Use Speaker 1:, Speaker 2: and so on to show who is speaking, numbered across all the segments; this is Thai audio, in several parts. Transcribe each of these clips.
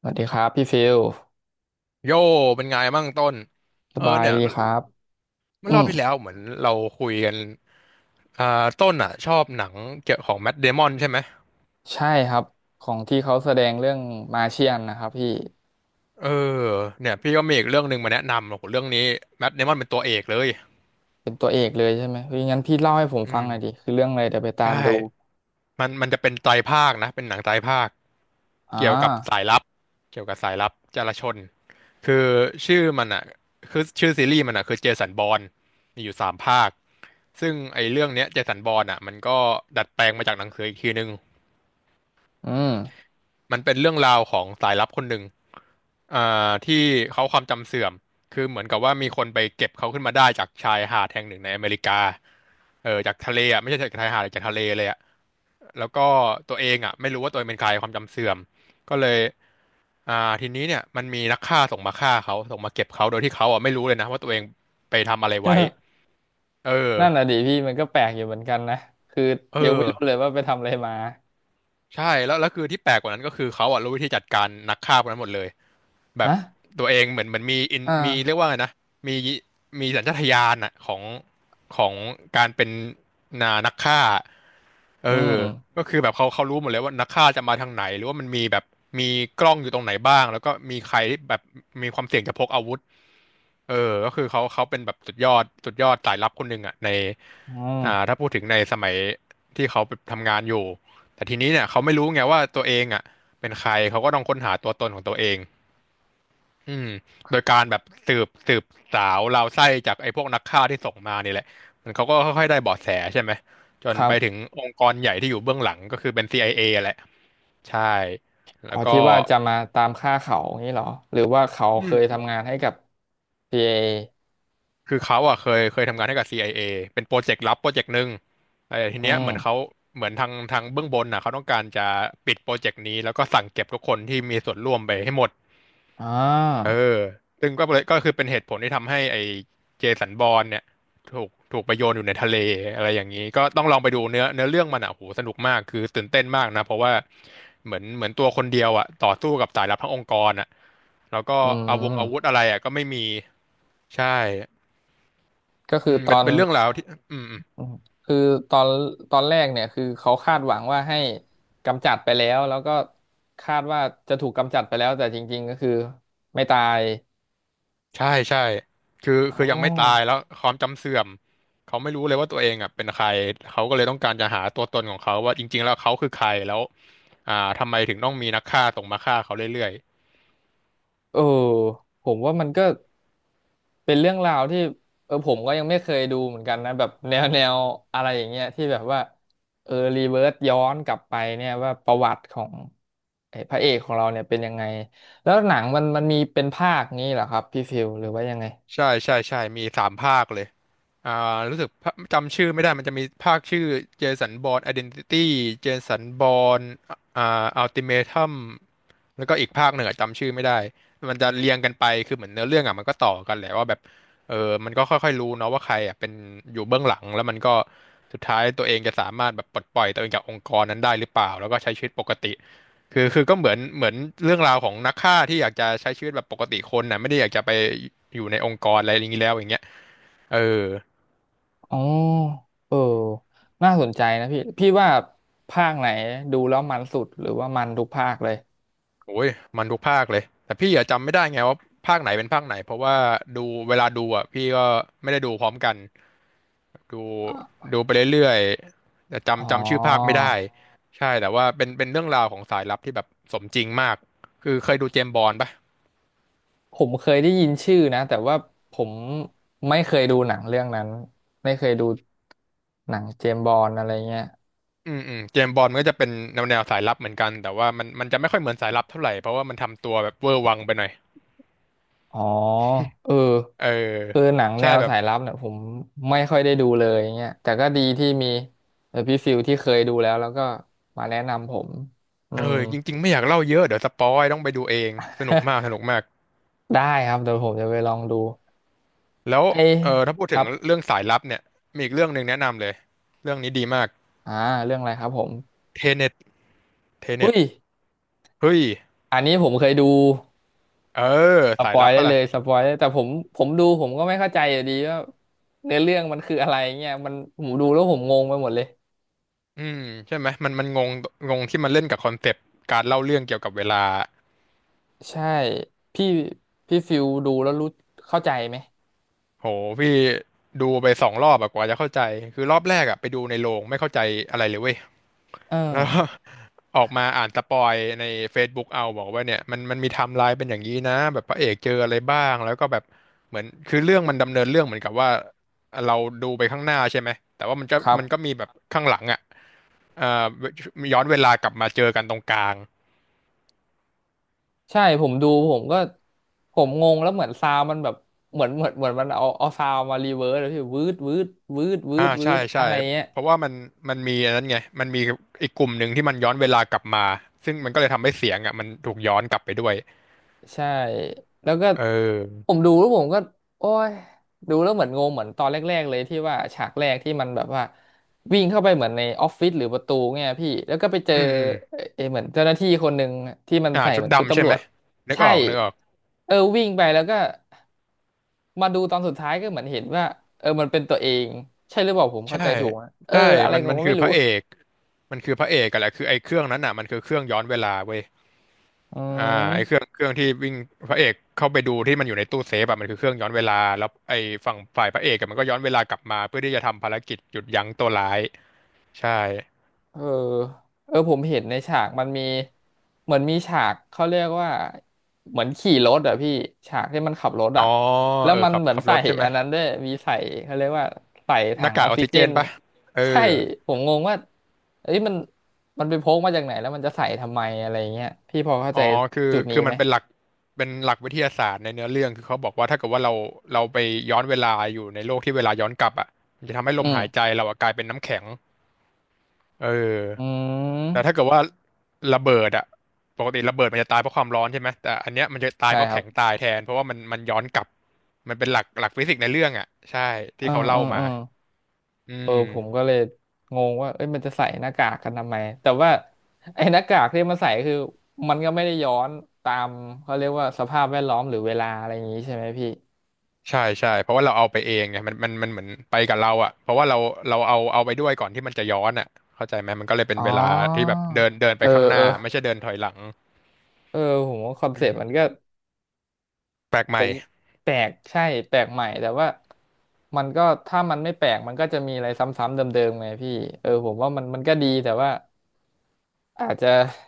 Speaker 1: สวัสดีครับพี่ฟิล
Speaker 2: โย่เป็นไงบ้างต้น
Speaker 1: ส
Speaker 2: เออ
Speaker 1: บาย
Speaker 2: เนี่ย
Speaker 1: ดีครับ
Speaker 2: เมื่
Speaker 1: อื
Speaker 2: อรอ
Speaker 1: ม
Speaker 2: บที่แล้วเหมือนเราคุยกันอ่าต้นอ่ะชอบหนังเกี่ยวของแมทเดมอนใช่ไหม
Speaker 1: ใช่ครับของที่เขาแสดงเรื่องมาเชียนนะครับพี่
Speaker 2: เออเนี่ยพี่ก็มีอีกเรื่องหนึ่งมาแนะนำโอ้โหเรื่องนี้แมทเดมอนเป็นตัวเอกเลย
Speaker 1: เป็นตัวเอกเลยใช่ไหมเฮ้ยงั้นพี่เล่าให้ผม
Speaker 2: อื
Speaker 1: ฟังหน่อยดิ
Speaker 2: ม
Speaker 1: คือเรื่องอะไรเดี๋ยวไปตา
Speaker 2: ใช่
Speaker 1: มดู
Speaker 2: มันจะเป็นไตรภาคนะเป็นหนังไตรภาค
Speaker 1: อ่
Speaker 2: เกี่ยวกับสา
Speaker 1: า
Speaker 2: ยลับ เกี่ยวกับสายลับจารชน คือชื่อมันอ่ะคือชื่อซีรีส์มันอ่ะคือเจสันบอร์นมีอยู่สามภาค ซึ่งไอ้เรื่องเนี้ยเจสันบอร์นอ่ะมันก็ดัดแปลงมาจากหนังสืออีกทีนึง
Speaker 1: อืม
Speaker 2: มันเป็นเรื่องราวของสายลับคนหนึ่งอ่ที่เขาความจำเสื่อมคือเหมือนกับว่ามีคนไปเก็บเขาขึ้นมาได้จากชายหาดแห่งหนึ่งในอเมริกาเออจากทะเลอ่ะไม่ใช่จากชายหาดจากทะเลเลยอ่ะ แล้วก็ตัวเองอ่ะไม่รู้ว่าตัวเองเป็นใครความจำเสื่อมก็เลยอ่าทีนี้เนี่ยมันมีนักฆ่าส่งมาฆ่าเขาส่งมาเก็บเขาโดยที่เขาอ่ะไม่รู้เลยนะว่าตัวเองไปทำอะไรไว้ เออ
Speaker 1: นั่นน่ะดิพี่มันก็แปลกอยู่เหมือนกันนะคือ
Speaker 2: เอ
Speaker 1: ยัง
Speaker 2: อ
Speaker 1: ไม่รู้เลยว่าไปทำอะไรมา
Speaker 2: ใช่แล้วแล้วคือที่แปลกกว่านั้นก็คือเขาอ่ะรู้วิธีจัดการนักฆ่าพวกนั้นหมดเลยแบบ
Speaker 1: ฮะ
Speaker 2: ตัวเองเหมือนมีอิน
Speaker 1: อ่
Speaker 2: มีเรียก
Speaker 1: า
Speaker 2: ว่าไงนะมีมีสัญชาตญาณอะของการเป็นนักฆ่าเอ
Speaker 1: อื
Speaker 2: อ
Speaker 1: ม
Speaker 2: ก็คือแบบเขารู้หมดเลยว่านักฆ่าจะมาทางไหนหรือว่ามันมีแบบมีกล้องอยู่ตรงไหนบ้างแล้วก็มีใครที่แบบมีความเสี่ยงจะพกอาวุธเออก็คือเขาเป็นแบบสุดยอดสุดยอดสายลับคนหนึ่งอ่ะใน
Speaker 1: อืม
Speaker 2: ถ้าพูดถึงในสมัยที่เขาไปทำงานอยู่ แต่ทีนี้เนี่ยเขาไม่รู้ไงว่าตัวเองอ่ะเป็นใครเขาก็ต้องค้นหาตัวตนของตัวเองอืมโดยการแบบสืบสาวราวไส้จากไอ้พวกนักฆ่าที่ส่งมานี่แหละมันเขาก็ค่อยๆได้เบาะแสใช่ไหมจ
Speaker 1: ค
Speaker 2: น
Speaker 1: รั
Speaker 2: ไป
Speaker 1: บ
Speaker 2: ถึงองค์กรใหญ่ที่อยู่เบื้องหลังก็คือเป็น CIA แหละใช่แล้
Speaker 1: อ๋
Speaker 2: ว
Speaker 1: อ
Speaker 2: ก็
Speaker 1: ที่ว่าจะมาตามฆ่าเขาอย่างนี้เหรอหรือว่าเขา
Speaker 2: อื
Speaker 1: เค
Speaker 2: ม
Speaker 1: ย
Speaker 2: อืม
Speaker 1: ทำงานให้กับ CA
Speaker 2: คือเขาอ่ะเคยทำงานให้กับ CIA เอเป็นโปรเจกต์ลับโปรเจกต์หนึ่งแต่ที
Speaker 1: อื
Speaker 2: เนี้ยเหมือนเขา
Speaker 1: ม
Speaker 2: เหมือนทางเบื้องบนน่ะเขาต้องการจะปิดโปรเจกต์นี้แล้วก็สั่งเก็บทุกคนที่มีส่วนร่วมไปให้หมด
Speaker 1: อ่
Speaker 2: เอ
Speaker 1: า
Speaker 2: อซึ่งก็เลยก็คือเป็นเหตุผลที่ทำให้ไอ้เจสันบอร์นเนี่ยถูกไปโยนอยู่ในทะเลอะไรอย่างนี้ก็ต้องลองไปดูเนื้อเรื่องมันอ่ะโหสนุกมากคือตื่นเต้นมากนะเพราะว่าเหมือนตัวคนเดียวอ่ะต่อสู้กับสายลับทั้งองค์กรอ่ะแล้วก็
Speaker 1: อื
Speaker 2: อาวุธ
Speaker 1: ม
Speaker 2: อะไรอ่ะก็ไม่มีใช่
Speaker 1: ก็คื
Speaker 2: อื
Speaker 1: อ
Speaker 2: ม
Speaker 1: ต
Speaker 2: เป็
Speaker 1: อ
Speaker 2: น
Speaker 1: น
Speaker 2: เป็นเรื่องราวที่อืม
Speaker 1: คือตอนแรกเนี่ยคือเขาคาดหวังว่าให้กำจัดไปแล้วแล้วก็คาดว่าจะถูกกำจัดไปแล้วแต่จริงๆก็คือไม่ตาย
Speaker 2: ใช่ใช่คือ
Speaker 1: อ๋
Speaker 2: คือยังไม่ตาย
Speaker 1: อ
Speaker 2: แล้วความจำเสื่อมเขาไม่รู้เลยว่าตัวเองอ่ะเป็นใครเขาก็เลยต้องการจะหาตัวตนของเขาว่าจริงๆแล้วเขาคือใครแล้วอ่าทำไมถึงต้องมีนักฆ่าตรงมาฆ่าเขาเรื่อย
Speaker 1: เออผมว่ามันก็เป็นเรื่องราวที่เออผมก็ยังไม่เคยดูเหมือนกันนะแบบแนวแนวอะไรอย่างเงี้ยที่แบบว่าเออรีเวิร์สย้อนกลับไปเนี่ยว่าประวัติของไอ้พระเอกของเราเนี่ยเป็นยังไงแล้วหนังมันมีเป็นภาคนี้เหรอครับพี่ฟิลหรือว่ายังไง
Speaker 2: ๆใช่ใช่ใช่มีสามภาคเลยอ่ารู้สึกภาจำชื่อไม่ได้มันจะมีภาคชื่อเจสันบอร์นไอเดนติตี้เจสันบอร์นอ่าอัลติเมทัม แล้วก็อีกภาคหนึ่งอะจำชื่อไม่ได้มันจะเรียงกันไปคือเหมือนเนื้อเรื่องอ่ะมันก็ต่อกันแหละว่าแบบเออมันก็ค่อยๆรู้เนาะว่าใครอ่ะเป็นอยู่เบื้องหลังแล้วมันก็สุดท้ายตัวเองจะสามารถแบบปลดปล่อยตัวเองจากองค์กรนั้นได้หรือเปล่าแล้วก็ใช้ชีวิตปกติคือก็เหมือนเรื่องราวของนักฆ่าที่อยากจะใช้ชีวิตแบบปกติคนน่ะไม่ได้อยากจะไปอยู่ในองค์กรอะไรอย่างนี้แล้วอย่างเงี้ยเออ
Speaker 1: อ๋อเออน่าสนใจนะพี่ว่าภาคไหนดูแล้วมันสุดหรือว่ามันทุกภาคเลย
Speaker 2: โอ้ยมันทุกภาคเลยแต่พี่อะจำไม่ได้ไงว่าภาคไหนเป็นภาคไหนเพราะว่าดูเวลาดูอ่ะพี่ก็ไม่ได้ดูพร้อมกัน ดู
Speaker 1: อ่ะ
Speaker 2: ดูไปเรื่อยๆแต่
Speaker 1: อ๋อ
Speaker 2: จำชื่อภาคไม่ได้ใช่แต่ว่าเป็นเรื่องราวของสายลับที่แบบสมจริงมากคือเคยดูเจมส์บอนด์ปะ
Speaker 1: ผมเคยได้ยินชื่อนะแต่ว่าผมไม่เคยดูหนังเรื่องนั้นไม่เคยดูหนังเจมส์บอนด์อะไรเงี้ย
Speaker 2: เจมส์บอนด์มันก็จะเป็นแนวสายลับเหมือนกันแต่ว่ามันจะไม่ค่อยเหมือนสายลับเท่าไหร่เพราะว่ามันทำตัวแบบเวอร์วังไปหน่อย
Speaker 1: อ๋อเออ
Speaker 2: เออ
Speaker 1: คือหนังแน
Speaker 2: ใช่
Speaker 1: ว
Speaker 2: แบบ
Speaker 1: สายลับเนี่ยผมไม่ค่อยได้ดูเลยเงี้ยแต่ก็ดีที่มีเออพี่ฟิลที่เคยดูแล้วแล้วก็มาแนะนำผมอื
Speaker 2: เอ
Speaker 1: ม
Speaker 2: อจริงๆไม่อยากเล่าเยอะเดี๋ยวสปอยต้องไปดูเองสนุกมากส นุกมาก
Speaker 1: ได้ครับเดี๋ยวผมจะไปลองดู
Speaker 2: แล้ว
Speaker 1: ไอ้
Speaker 2: เออถ้าพูด
Speaker 1: ค
Speaker 2: ถึ
Speaker 1: รั
Speaker 2: ง
Speaker 1: บ
Speaker 2: เรื่องสายลับเนี่ยมีอีกเรื่องหนึ่งแนะนำเลยเรื่องนี้ดีมาก
Speaker 1: อ่าเรื่องอะไรครับผม
Speaker 2: เทเน็ตเทเน็
Speaker 1: อุ้
Speaker 2: ต
Speaker 1: ย
Speaker 2: เฮ้ย
Speaker 1: อันนี้ผมเคยดู
Speaker 2: เออ
Speaker 1: ส
Speaker 2: สา
Speaker 1: ป
Speaker 2: ย
Speaker 1: อย
Speaker 2: ลับ
Speaker 1: ได้
Speaker 2: ปะ
Speaker 1: เล
Speaker 2: ล่ะ
Speaker 1: ยสปอยได้แต่ผมดูผมก็ไม่เข้าใจอยู่ดีว่าเนื้อเรื่องมันคืออะไรเงี้ยมันผมดูแล้วผมงงไปหมดเลย
Speaker 2: อืมใช่ไหมมันงงงงที่มันเล่นกับคอนเซปต์การเล่าเรื่องเกี่ยวกับเวลา
Speaker 1: ใช่พี่พี่ฟิลดูแล้วรู้เข้าใจไหม
Speaker 2: โหพี่ดูไป2 รอบอะกว่าจะเข้าใจคือรอบแรกอะไปดูในโรงไม่เข้าใจอะไรเลยเว้ย
Speaker 1: เออ
Speaker 2: แล้วก็ ออกมาอ่านสปอยใน Facebook เอาบอกว่าเนี่ยมันมันมีไทม์ไลน์เป็นอย่างนี้นะแบบพระเอกเจออะไรบ้างแล้วก็แบบเหมือนคือเรื่องมันดำเนินเรื่องเหมือนกับว่าเราดูไปข้างหน้าใช่ไหมแต่ว่ามันก็
Speaker 1: ครับ
Speaker 2: มันก็มีแบบข้างหลังอะเอ่อย้อนเวลากลับมาเจอกันตรงกลาง
Speaker 1: ใช่ผมดูผมก็ผมงงแล้วเหมือนซาวด์มันแบบเหมือนมันเอาซาวด์มารีเวิร์สแล้วพี่วืดวืดวืดวื
Speaker 2: อ่า
Speaker 1: ดวื
Speaker 2: ใช่
Speaker 1: ด
Speaker 2: ใช่
Speaker 1: อะไรเงี้ย
Speaker 2: เพราะว่ามันมันมีอันนั้นไงมันมีอีกกลุ่มหนึ่งที่มันย้อนเวลากลับมาซึ่งมันก็เลยทำให้เสียงอ่ะมันถูกย้อนกลับไปด้วย
Speaker 1: ใช่แล้วก็
Speaker 2: เอ
Speaker 1: ผ
Speaker 2: อ
Speaker 1: มดูแล้วผมก็โอ้ยดูแล้วเหมือนงงเหมือนตอนแรกๆเลยที่ว่าฉากแรกที่มันแบบว่าวิ่งเข้าไปเหมือนในออฟฟิศหรือประตูเนี่ยพี่แล้วก็ไปเจอ
Speaker 2: อืมอืม
Speaker 1: เออเหมือนเจ้าหน้าที่คนหนึ่งที่มันใส่
Speaker 2: ชุ
Speaker 1: เห
Speaker 2: ด
Speaker 1: มือนชุด
Speaker 2: ดำใช่
Speaker 1: ตำร
Speaker 2: ไหม
Speaker 1: วจ
Speaker 2: นึก
Speaker 1: ใช่
Speaker 2: ออกนึกออก
Speaker 1: เออวิ่งไปแล้วก็มาดูตอนสุดท้ายก็เหมือนเห็นว่าเออมันเป็นตัวเองใช่หรือเปล่าผมเข้า
Speaker 2: ใช่
Speaker 1: ใจถูกอะเออ
Speaker 2: ใช่
Speaker 1: อะไร
Speaker 2: มัน
Speaker 1: ผ
Speaker 2: มั
Speaker 1: ม
Speaker 2: น
Speaker 1: ก็
Speaker 2: คือ
Speaker 1: ไม่
Speaker 2: พ
Speaker 1: รู้
Speaker 2: ระเอกมันคือพระเอกกันแหละคือไอ้เครื่องนั้นอ่ะมันคือเครื่องย้อนเวลาเว้ย
Speaker 1: อื
Speaker 2: อ่าไอ้เครื่อ
Speaker 1: ม
Speaker 2: งเครื่องที่วิ่งพระเอกเข้าไปดูที่มันอยู่ในตู้เซฟอ่ะมันคือเครื่องย้อนเวลาแล้วไอ้ฝั่งฝ่ายพระเอกอะมันก็ย้อนเวลากลับมาเพื่อที่จะทำภารกิจหยุดยั้งตัวร้ายใช่
Speaker 1: เออเออผมเห็นในฉากมันมีเหมือนมีฉากเขาเรียกว่าเหมือนขี่รถอะพี่ฉากที่มันขับรถ
Speaker 2: อ๋อ
Speaker 1: อะแล้ว
Speaker 2: เออ
Speaker 1: มัน
Speaker 2: ขับ
Speaker 1: เหมือน
Speaker 2: ขับร
Speaker 1: ใส่
Speaker 2: ถใช่ไหม
Speaker 1: อันนั้นด้วยมีใส่เขาเรียกว่าใส่
Speaker 2: ห
Speaker 1: ถั
Speaker 2: น้า
Speaker 1: ง
Speaker 2: กา
Speaker 1: อ
Speaker 2: กอ
Speaker 1: อก
Speaker 2: อก
Speaker 1: ซิ
Speaker 2: ซิ
Speaker 1: เจ
Speaker 2: เจ
Speaker 1: น
Speaker 2: นปะเอ
Speaker 1: ใช่
Speaker 2: อ
Speaker 1: ผมงงว่าเอ้ยมันไปพกมาจากไหนแล้วมันจะใส่ทำไมอะไรเงี้ยพี่พอเข้า
Speaker 2: อ๋
Speaker 1: ใจ
Speaker 2: อคือ
Speaker 1: จุดนี้
Speaker 2: คือมั
Speaker 1: ไหม
Speaker 2: นเป็นหลักวิทยาศาสตร์ในเนื้อเรื่องคือเขาบอกว่าถ้าเกิดว่าเราไปย้อนเวลาอยู่ในโลกที่เวลาย้อนกลับอ่ะมันจะทำให้ลม
Speaker 1: อืม
Speaker 2: หายใจเราอะกลายเป็นน้ำแข็งเอ
Speaker 1: อื
Speaker 2: อแต่ถ้า
Speaker 1: ม
Speaker 2: เกิดว่าระเบิดอ่ะปกติระเบิดมันจะตายเพราะความร้อนใช่ไหมแต่อันเนี้ยมันจะตาย
Speaker 1: ใช่
Speaker 2: เพราะ
Speaker 1: ครั
Speaker 2: แข็
Speaker 1: บ
Speaker 2: งตายแทนเพราะว่ามันมันย้อนกลับมันเป็นหลักฟิสิกส์ในเรื่องอ่ะใช่ที่
Speaker 1: เออ
Speaker 2: เขา
Speaker 1: เอ
Speaker 2: เล่า
Speaker 1: อเอ
Speaker 2: มา
Speaker 1: อ
Speaker 2: อื
Speaker 1: เออผมก็
Speaker 2: ม
Speaker 1: เลยงงว่าเอ้ยมันจะใส่หน้ากากกันทำไมแต่ว่าไอ้หน้ากากที่มันใส่คือมันก็ไม่ได้ย้อนตามเขาเรียกว่าสภาพแวดล้อมหรือเวลาอะไรอย่างนี้ใช่ไหมพี่
Speaker 2: ใช่ใช่เพราะว่าเราเอาไปเองไงมันเหมือนไปกับเราอ่ะเพราะว่าเราเอาไปด้วยก่อนที่มันจะย้อนอ่ะเข้าใจไหมมันก็เลยเป็น
Speaker 1: อ๋
Speaker 2: เว
Speaker 1: อ
Speaker 2: ลาที่แบบเดินเดินไป
Speaker 1: เออ
Speaker 2: ข้างห
Speaker 1: เอ
Speaker 2: น้า
Speaker 1: อ
Speaker 2: ไม่ใช่เดินถอยหลัง
Speaker 1: เออผมว่าคอนเซ็ปต์มันก็
Speaker 2: แปลกให
Speaker 1: ผ
Speaker 2: ม่
Speaker 1: มแปลกใช่แปลกใหม่แต่ว่ามันก็ถ้ามันไม่แปลกมันก็จะมีอะไรซ้ำๆเดิมๆไงพี่เออผมว่ามันก็ดีแต่ว่าอาจจะ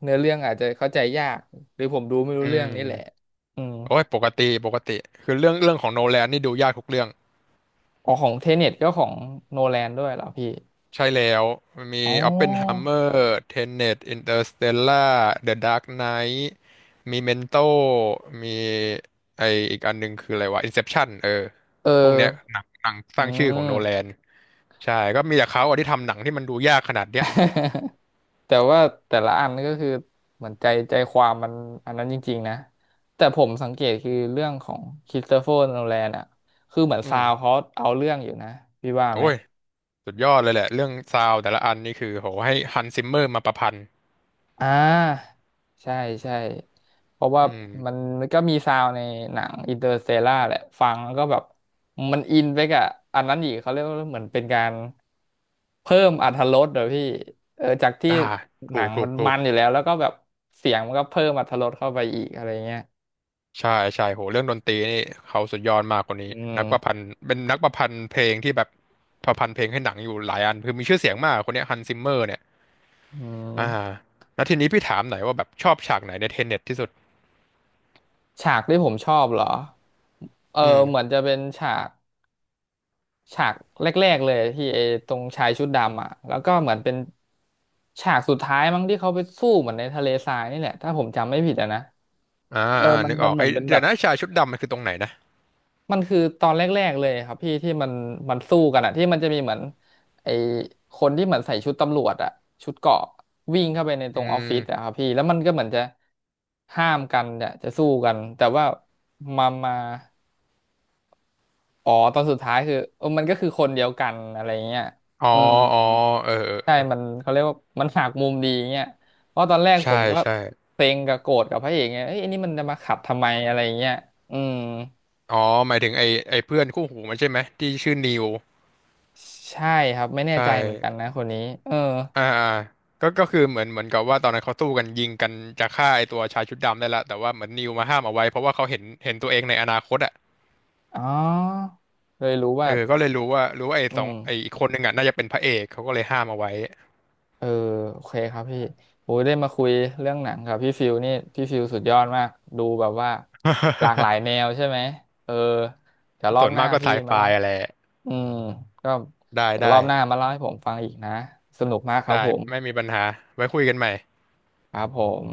Speaker 1: เนื้อเรื่องอาจจะเข้าใจยากหรือผมดูไม่รู้
Speaker 2: อื
Speaker 1: เรื่องนี่แหละ
Speaker 2: ม
Speaker 1: อืม
Speaker 2: โอ้ยปกติปกติคือเรื่องของโนแลนนี่ดูยากทุกเรื่อง
Speaker 1: อ๋อของเทเน็ตก็ของโนแลนด้วยเหรอพี่
Speaker 2: ใช่แล้วมี
Speaker 1: อ๋
Speaker 2: ออปเพนไฮ
Speaker 1: อ
Speaker 2: เมอร์เทเน t ตอินเตอร์สเตลล่าเดอะดาร์กไนท์มีเมนโตมีไออีกอันหนึงคืออะไรวะอินเซปชั่นเออ
Speaker 1: เออ
Speaker 2: พวกเนี้ยหนังส
Speaker 1: อื
Speaker 2: ร้างชื่อของโน
Speaker 1: ม
Speaker 2: แลน ใช่ก็มีแต่เขาอะที่ทำหนังที่มันดูยากขนาดเนี้ย
Speaker 1: แต่ว่าแต่ละอันก็คือเหมือนใจความมันอันนั้นจริงๆนะ แต่ผมสังเกตคือเรื่องของค h r i s t เฟอร์โนแลนอ่ะ คือเหมือน
Speaker 2: อื
Speaker 1: ซาว
Speaker 2: ม
Speaker 1: เขาเอาเรื่องอยู่นะพี่ว่า
Speaker 2: โอ้
Speaker 1: ไหม
Speaker 2: ย สุดยอดเลยแหละเรื่องซาวด์แต่ละอันนี่คือโหให้ฮันซิมเมอร์มาประพันธ์
Speaker 1: อ่าใช่ใช่เพราะว่า
Speaker 2: อื
Speaker 1: มัน
Speaker 2: ม
Speaker 1: ก็มีซาวด์ในหนังอินเตอร์สเตล่าแหละฟังแล้วก็แบบมันอินไปกับอันนั้นอีกเขาเรียกว่าเหมือนเป็นการเพิ่มอรรถรสเดี๋ยวพี่เออจากที่
Speaker 2: อ่า
Speaker 1: ห
Speaker 2: ถู
Speaker 1: นั
Speaker 2: ก
Speaker 1: ง
Speaker 2: ถู
Speaker 1: มั
Speaker 2: ก
Speaker 1: น
Speaker 2: ถู
Speaker 1: มั
Speaker 2: ก
Speaker 1: นอยู่แล้วแล้วก็แบบเสียงมันก็เพิ่มอรรถรสเข้าไปอีกอะไรเงี้ย
Speaker 2: ใช่ใช่โหเรื่องดนตรีนี่เขาสุดยอดมากคนนี้
Speaker 1: อื
Speaker 2: นักประพัน
Speaker 1: ม
Speaker 2: ธ์เป็นนักประพันธ์เพลงที่แบบประพันธ์เพลงให้หนังอยู่หลายอันคือมีชื่อเสียงมากคนเนี้ฮันซิมเมอร์เนี่ย
Speaker 1: อื
Speaker 2: อ่า
Speaker 1: ม
Speaker 2: แล้วทีนี้พี่ถามหน่อยว่าแบบชอบฉากไหนในเทเน็ตที่สุด
Speaker 1: ฉากที่ผมชอบเหรอเออ
Speaker 2: อื
Speaker 1: เหมือ
Speaker 2: ม
Speaker 1: นจะเป็นฉาก ฉากแรกๆเลยที่ไอ้ตรงชายชุดดำอ่ะแล้วก็เหมือนเป็นฉากสุดท้ายมั้งที่เขาไปสู้เหมือนในทะเลทรายนี่แหละถ้าผมจำไม่ผิดอะนะ
Speaker 2: อ่า
Speaker 1: เออ
Speaker 2: อ่า
Speaker 1: มัน
Speaker 2: นึกอ
Speaker 1: มัน
Speaker 2: อก
Speaker 1: เหมื
Speaker 2: ไอ้
Speaker 1: อนเป็นแบ
Speaker 2: เดี๋ยว
Speaker 1: บ
Speaker 2: นะชายชุดดำมันคือตรงไหนนะ
Speaker 1: มันคือตอนแรกๆเลยครับพี่ที่มันสู้กันอ่ะที่มันจะมีเหมือนไอ้คนที่เหมือนใส่ชุดตำรวจอ่ะชุดเกราะวิ่งเข้าไปในต
Speaker 2: อื
Speaker 1: รงออฟ
Speaker 2: ม
Speaker 1: ฟิศอะครับพี่แล้วมันก็เหมือนจะห้ามกันเนี่ยจะสู้กันแต่ว่ามามาอ๋อตอนสุดท้ายคือเออมันก็คือคนเดียวกันอะไรเงี้ย
Speaker 2: อ๋อ
Speaker 1: อืม
Speaker 2: อ๋อเออเ
Speaker 1: ใช่
Speaker 2: ออ
Speaker 1: มันเขาเรียกว่ามันหักมุมดีเงี้ยเพราะตอนแรกผ
Speaker 2: ใช่
Speaker 1: มก็
Speaker 2: ใช่
Speaker 1: เซ็งกับโกรธกับพระเอกไงยเอ้ยอันนี้มันจะมาขับทำไมอะไรเงี้ยอืม
Speaker 2: อ๋อ หมายถึงไอ้เพื่อนคู่หูมันใช่ไหมที่ชื่อนิว
Speaker 1: ใช่ครับไม่แน่
Speaker 2: ใช่
Speaker 1: ใจเหมือนกันนะคนนี้เออ
Speaker 2: อ่าอ่าก็คือเหมือนกับว่าตอนนั้นเขาสู้กันยิงกันจะฆ่าไอ้ตัวชายชุดดำได้ละแต่ว่าเหมือนนิวมาห้ามเอาไว้เพราะว่าเขาเห็นตัวเองในอนาคตอ่ะ
Speaker 1: อ๋อเลยรู้
Speaker 2: เอ
Speaker 1: ว่า
Speaker 2: อก็เลยรู้ว่าไอ้
Speaker 1: อื
Speaker 2: สองไอ้
Speaker 1: ม
Speaker 2: อีกคนหนึ่งอ่ะน่าจะเป็นพระเอกเขาก็เลยห้ามเอาไว้
Speaker 1: เออโอเคครับพี่โอ้ยได้มาคุยเรื่องหนังกับพี่ฟิวนี่พี่ฟิวสุดยอดมากดูแบบว่าหลากหลายแนวใช่ไหมเออเดี๋ยวร อ
Speaker 2: ส่
Speaker 1: บ
Speaker 2: วน
Speaker 1: หน้า
Speaker 2: มากก็ไซ
Speaker 1: พี่
Speaker 2: ไฟ
Speaker 1: มาเล่า
Speaker 2: อะไร
Speaker 1: อืมก็
Speaker 2: ได้
Speaker 1: เดี๋ยวร
Speaker 2: ได้
Speaker 1: อบหน้ามาเล่าให้ผมฟังอีกนะสนุกมากครับ
Speaker 2: ได้
Speaker 1: ผม
Speaker 2: ไม่มีปัญหาไว้คุยกันใหม่
Speaker 1: ครับผม